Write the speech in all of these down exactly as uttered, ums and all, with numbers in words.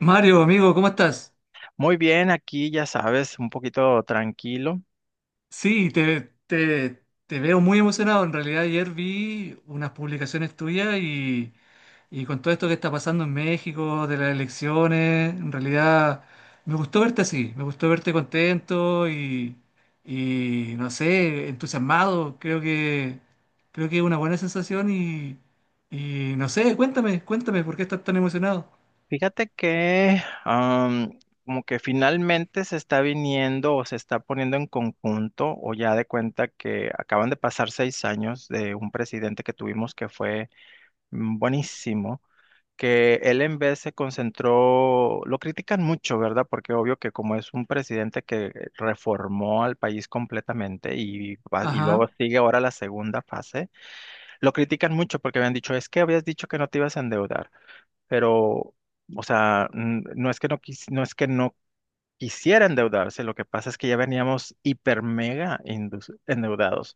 Mario, amigo, ¿cómo estás? Muy bien, aquí ya sabes, un poquito tranquilo. Sí, te, te, te veo muy emocionado. En realidad ayer vi unas publicaciones tuyas y, y con todo esto que está pasando en México, de las elecciones, en realidad me gustó verte así, me gustó verte contento y, y no sé, entusiasmado. Creo que, creo que es una buena sensación y, y no sé, cuéntame, cuéntame por qué estás tan emocionado. Fíjate que am, como que finalmente se está viniendo o se está poniendo en conjunto o ya de cuenta que acaban de pasar seis años de un presidente que tuvimos que fue mm, buenísimo, que él en vez se concentró, lo critican mucho, ¿verdad? Porque obvio que como es un presidente que reformó al país completamente y, va- y luego Ajá, sigue ahora la segunda fase. Lo critican mucho porque habían dicho, es que habías dicho que no te ibas a endeudar, pero, o sea, n- no es que no, quis- no es que no quisiera endeudarse, lo que pasa es que ya veníamos hiper mega indus- endeudados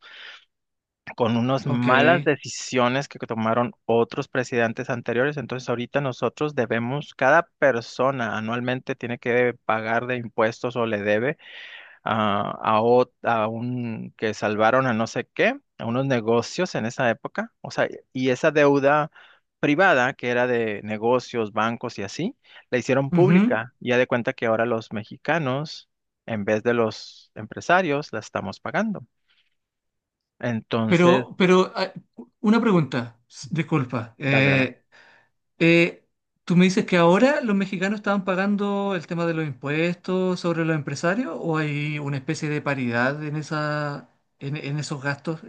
con unas ok. malas decisiones que tomaron otros presidentes anteriores. Entonces ahorita nosotros debemos, cada persona anualmente tiene que pagar de impuestos o le debe a, a, ot- a un que salvaron a no sé qué, a unos negocios en esa época, o sea, y esa deuda privada que era de negocios, bancos y así, la hicieron Ujú. pública. Ya de cuenta que ahora los mexicanos, en vez de los empresarios, la estamos pagando. Entonces, Pero, pero ah, una pregunta, s- disculpa. dale, dale. Eh, eh, ¿Tú me dices que ahora los mexicanos estaban pagando el tema de los impuestos sobre los empresarios o hay una especie de paridad en esa, en, en esos gastos?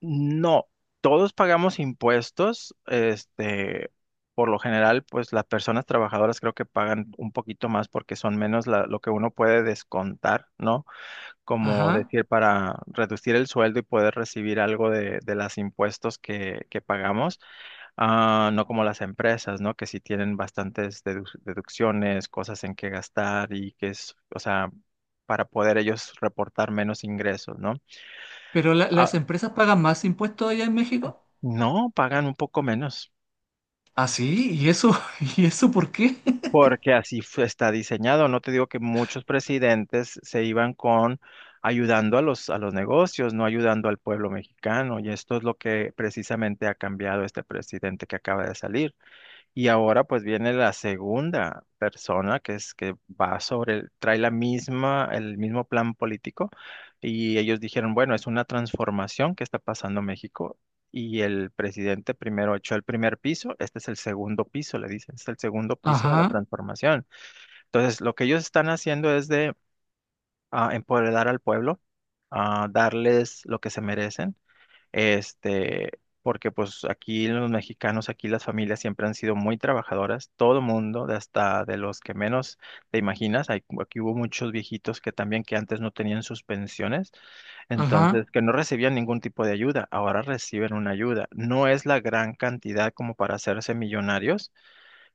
No, todos pagamos impuestos, este, por lo general, pues las personas trabajadoras creo que pagan un poquito más porque son menos la- lo que uno puede descontar, ¿no? Como Ajá. decir, para reducir el sueldo y poder recibir algo de, de los impuestos que, que pagamos. Ah, no como las empresas, ¿no? Que sí tienen bastantes dedu- deducciones, cosas en que gastar y que es, o sea, para poder ellos reportar menos ingresos, ¿no? ¿Pero la- las Ah, empresas pagan más impuestos allá en México? no, pagan un poco menos. Ah, sí, ¿y eso? ¿Y eso por qué? Porque así fu- está diseñado. No te digo que muchos presidentes se iban con ayudando a los, a los negocios, no ayudando al pueblo mexicano. Y esto es lo que precisamente ha cambiado este presidente que acaba de salir. Y ahora pues viene la segunda persona que es que va sobre, el- trae la misma, el mismo plan político y ellos dijeron, bueno, es una transformación que está pasando en México y el presidente primero echó el primer piso, este es el segundo piso, le dicen, es el segundo piso de la Ajá, transformación. Entonces, lo que ellos están haciendo es de ah, empoderar al pueblo, ah, darles lo que se merecen este, porque pues aquí los mexicanos, aquí las familias siempre han sido muy trabajadoras, todo mundo, de hasta de los que menos te imaginas, hay- aquí hubo muchos viejitos que también que antes no tenían sus pensiones, ajá, entonces que no recibían ningún tipo de ayuda, ahora reciben una ayuda. No es la gran cantidad como para hacerse millonarios,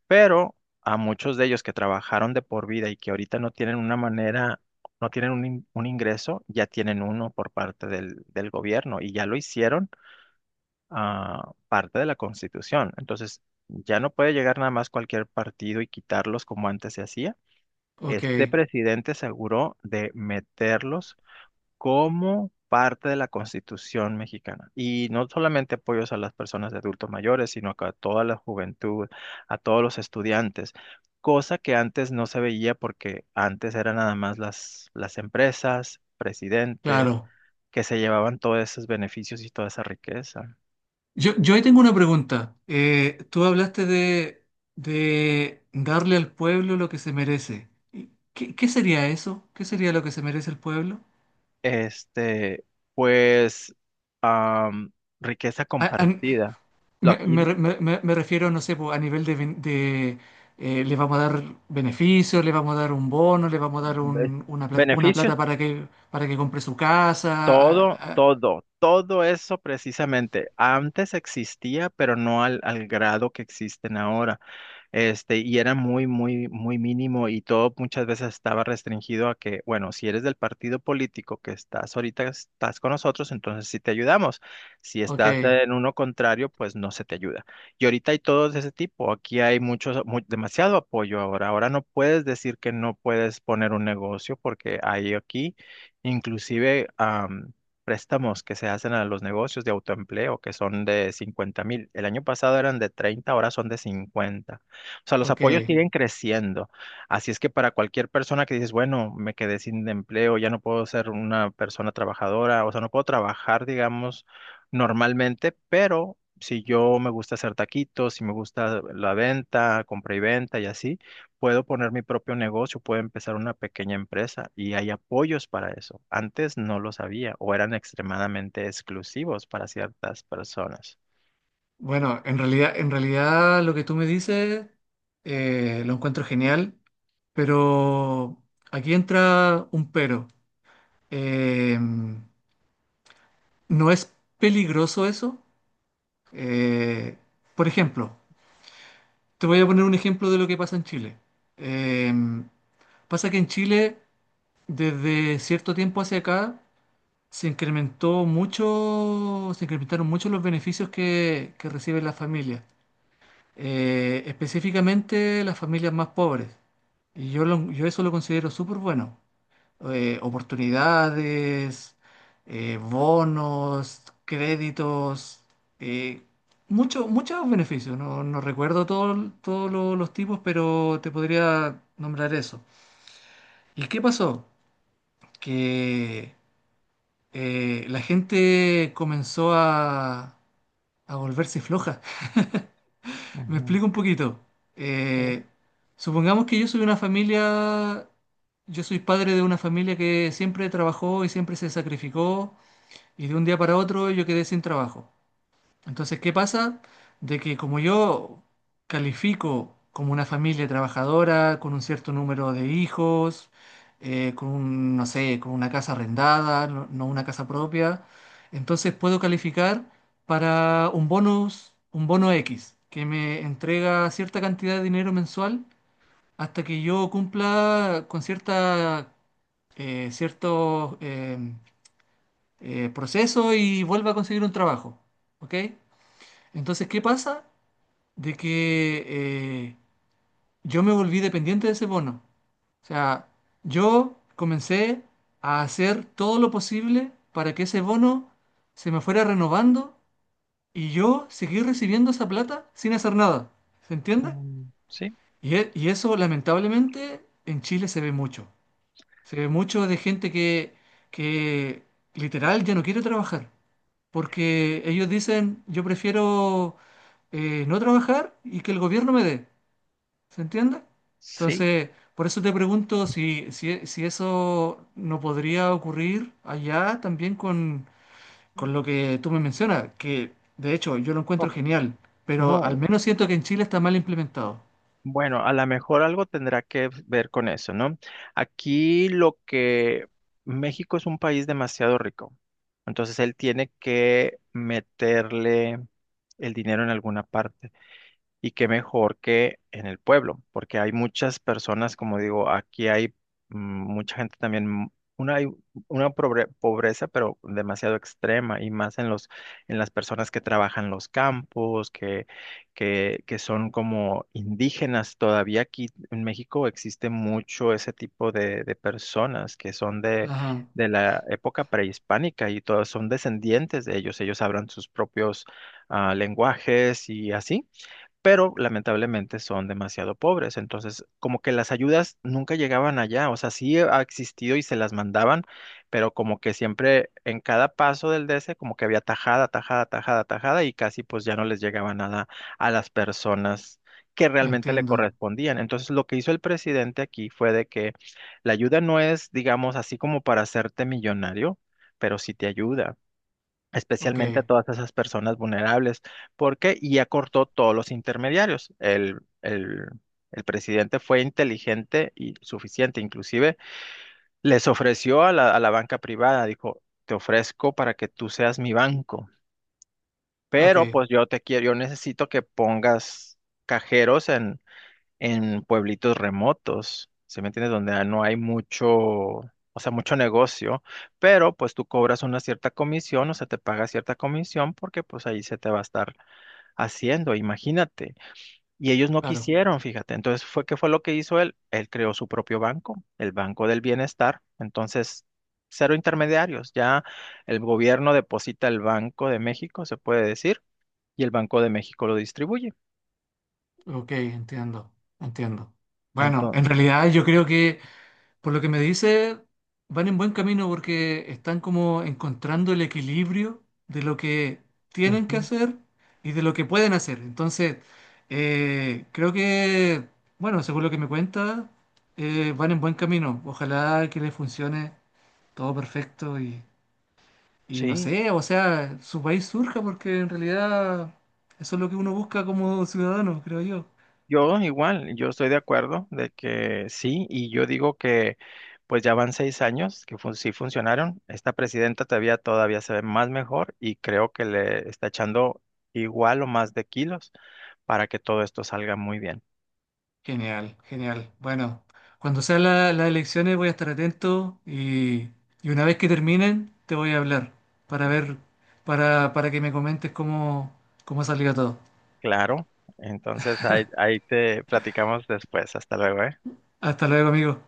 pero a muchos de ellos que trabajaron de por vida y que ahorita no tienen una manera no tienen un, in- un ingreso, ya tienen uno por parte del, del gobierno y ya lo hicieron ah, parte de la Constitución. Entonces, ya no puede llegar nada más cualquier partido y quitarlos como antes se hacía. ok, Este presidente aseguró de meterlos como parte de la Constitución mexicana. Y no solamente apoyos a las personas de adultos mayores, sino que a toda la juventud, a todos los estudiantes, cosa que antes no se veía porque antes eran nada más las, las empresas, presidentes, claro. que se llevaban todos esos beneficios y toda esa riqueza. Yo, yo ahí tengo una pregunta. Eh, tú hablaste de, de darle al pueblo lo que se merece. ¿Qué, ¿qué sería eso? ¿Qué sería lo que se merece el pueblo? Este, pues, am, riqueza A- a- compartida. Lo me, aquí, me- me- me- Me refiero, no sé, po, a nivel de, ben- de, eh, le vamos a dar beneficios, le vamos a dar un bono, le vamos a dar be- un- una, pla- una beneficios, plata para que, para que compre su casa. a- todo, a- todo, todo eso precisamente. Antes existía, pero no al, al grado que existen ahora. Este, y era muy, muy, muy mínimo y todo muchas veces estaba restringido a que, bueno, si eres del partido político que estás ahorita, estás con nosotros, entonces sí te ayudamos. Si Ok, estás en uno contrario, pues no se te ayuda. Y ahorita hay todos de ese tipo. Aquí hay muchos, mu- demasiado apoyo ahora. Ahora no puedes decir que no puedes poner un negocio porque hay aquí inclusive am, préstamos que se hacen a los negocios de autoempleo que son de cincuenta mil. El año pasado eran de treinta, ahora son de cincuenta, o sea, los apoyos ok. siguen creciendo. Así es que para cualquier persona que dices, bueno, me quedé sin empleo, ya no puedo ser una persona trabajadora, o sea, no puedo trabajar, digamos, normalmente, pero si yo me gusta hacer taquitos, si me gusta la venta, compra y venta y así, puedo poner mi propio negocio, puedo empezar una pequeña empresa y hay apoyos para eso. Antes no lo sabía o eran extremadamente exclusivos para ciertas personas. Bueno, en realidad, en realidad lo que tú me dices, eh, lo encuentro genial. Pero aquí entra un pero. Eh, ¿no es peligroso eso? Eh, por ejemplo, te voy a poner un ejemplo de lo que pasa en Chile. Eh, pasa que en Chile, desde cierto tiempo hacia acá, se incrementó mucho, se incrementaron mucho los beneficios que, que reciben las familias. Eh, específicamente las familias más pobres. Y yo, lo- yo eso lo considero súper bueno. Eh, oportunidades, eh, bonos, créditos, eh, mucho- muchos beneficios. No, no recuerdo todo- todos lo- los tipos, pero te podría nombrar eso. ¿Y qué pasó? Que, eh, la gente comenzó a, a volverse floja. Me Ujú. explico un poquito. Sí. Eh, supongamos que yo soy una familia, yo soy padre de una familia que siempre trabajó y siempre se sacrificó. Y de un día para otro yo quedé sin trabajo. Entonces, ¿qué pasa? De que como yo califico como una familia trabajadora, con un cierto número de hijos, eh, con un, no sé, con una casa arrendada, no, no una casa propia, entonces puedo calificar para un bonus, un bono X, que me entrega cierta cantidad de dinero mensual hasta que yo cumpla con cierta, eh, ciertos, em, eh, proceso y vuelva a conseguir un trabajo. ¿Ok? Entonces, ¿qué pasa? De que, eh, yo me volví dependiente de ese bono. O sea, yo comencé a hacer todo lo posible para que ese bono se me fuera renovando y yo seguir recibiendo esa plata sin hacer nada. ¿Se entiende? Mm, sí. Y, e- y eso, lamentablemente, en Chile se ve mucho. Se ve mucho de gente que, que literal ya no quiere trabajar. Porque ellos dicen, yo prefiero, eh, no trabajar y que el gobierno me dé, ¿se entiende? Sí. Entonces, por eso te pregunto si, si, si eso no podría ocurrir allá también con, con lo que tú me mencionas, que de hecho yo lo encuentro genial, pero al No, menos siento que en Chile está mal implementado. bueno, a lo mejor algo tendrá que ver con eso, ¿no? Aquí lo que México es un país demasiado rico, entonces él tiene que meterle el dinero en alguna parte. Y qué mejor que en el pueblo, porque hay muchas personas, como digo, aquí hay mm, mucha gente también, mm, una, hay una pobre- pobreza, pero demasiado extrema, y más en los, en las personas que trabajan los campos, que, que, que son como indígenas. Todavía aquí en México existe mucho ese tipo de, de personas que son de, Ajá, de la época prehispánica y todos son descendientes de ellos. Ellos hablan sus propios ah, lenguajes y así pero lamentablemente son demasiado pobres. Entonces, como que las ayudas nunca llegaban allá, o sea, sí ha existido y se las mandaban, pero como que siempre en cada paso del D C, como que había tajada, tajada, tajada, tajada, y casi pues ya no les llegaba nada a las personas que realmente le entiendo. correspondían. Entonces, lo que hizo el presidente aquí fue de que la ayuda no es, digamos, así como para hacerte millonario, pero sí te ayuda Ok, especialmente a todas esas personas vulnerables, porque ya cortó todos los intermediarios. El, el, el presidente fue inteligente y suficiente, inclusive les ofreció a la, a la banca privada, dijo, te ofrezco para que tú seas mi banco, ok, pero pues yo te quiero, yo necesito que pongas cajeros en pueblitos remotos, ¿sí me entiendes? Donde no hay mucho, o sea, mucho negocio, pero pues tú cobras una cierta comisión, o sea, te paga cierta comisión porque pues ahí se te va a estar haciendo, imagínate. Y ellos no claro, quisieron, fíjate. Entonces fue, ¿qué fue lo que hizo él? Él creó su propio banco, el Banco del Bienestar. Entonces, cero intermediarios. Ya el gobierno deposita el Banco de México, se puede decir, y el Banco de México lo distribuye. ok, entiendo, entiendo. Bueno, Entonces, en realidad yo creo que... Por lo que me dice, van en buen camino porque están como encontrando el equilibrio de lo que tienen que hacer y de lo que pueden hacer. Entonces, eh, creo que, bueno, según lo que me cuenta, eh, van en buen camino. Ojalá que les funcione todo perfecto y, y no sí. sé, o sea, su país surja porque en realidad eso es lo que uno busca como ciudadano, creo yo. Yo igual, yo estoy de acuerdo de que sí, y yo digo que pues ya van seis años que fun- sí funcionaron. Esta presidenta todavía todavía se ve más mejor y creo que le está echando igual o más de kilos para que todo esto salga muy bien. Genial, genial. Bueno, cuando sean la- las elecciones voy a estar atento y, y una vez que terminen te voy a hablar para ver, para, para que me comentes cómo, cómo salió todo. Claro, entonces ahí, ahí te platicamos después. Hasta luego, ¿eh? Hasta luego, amigo.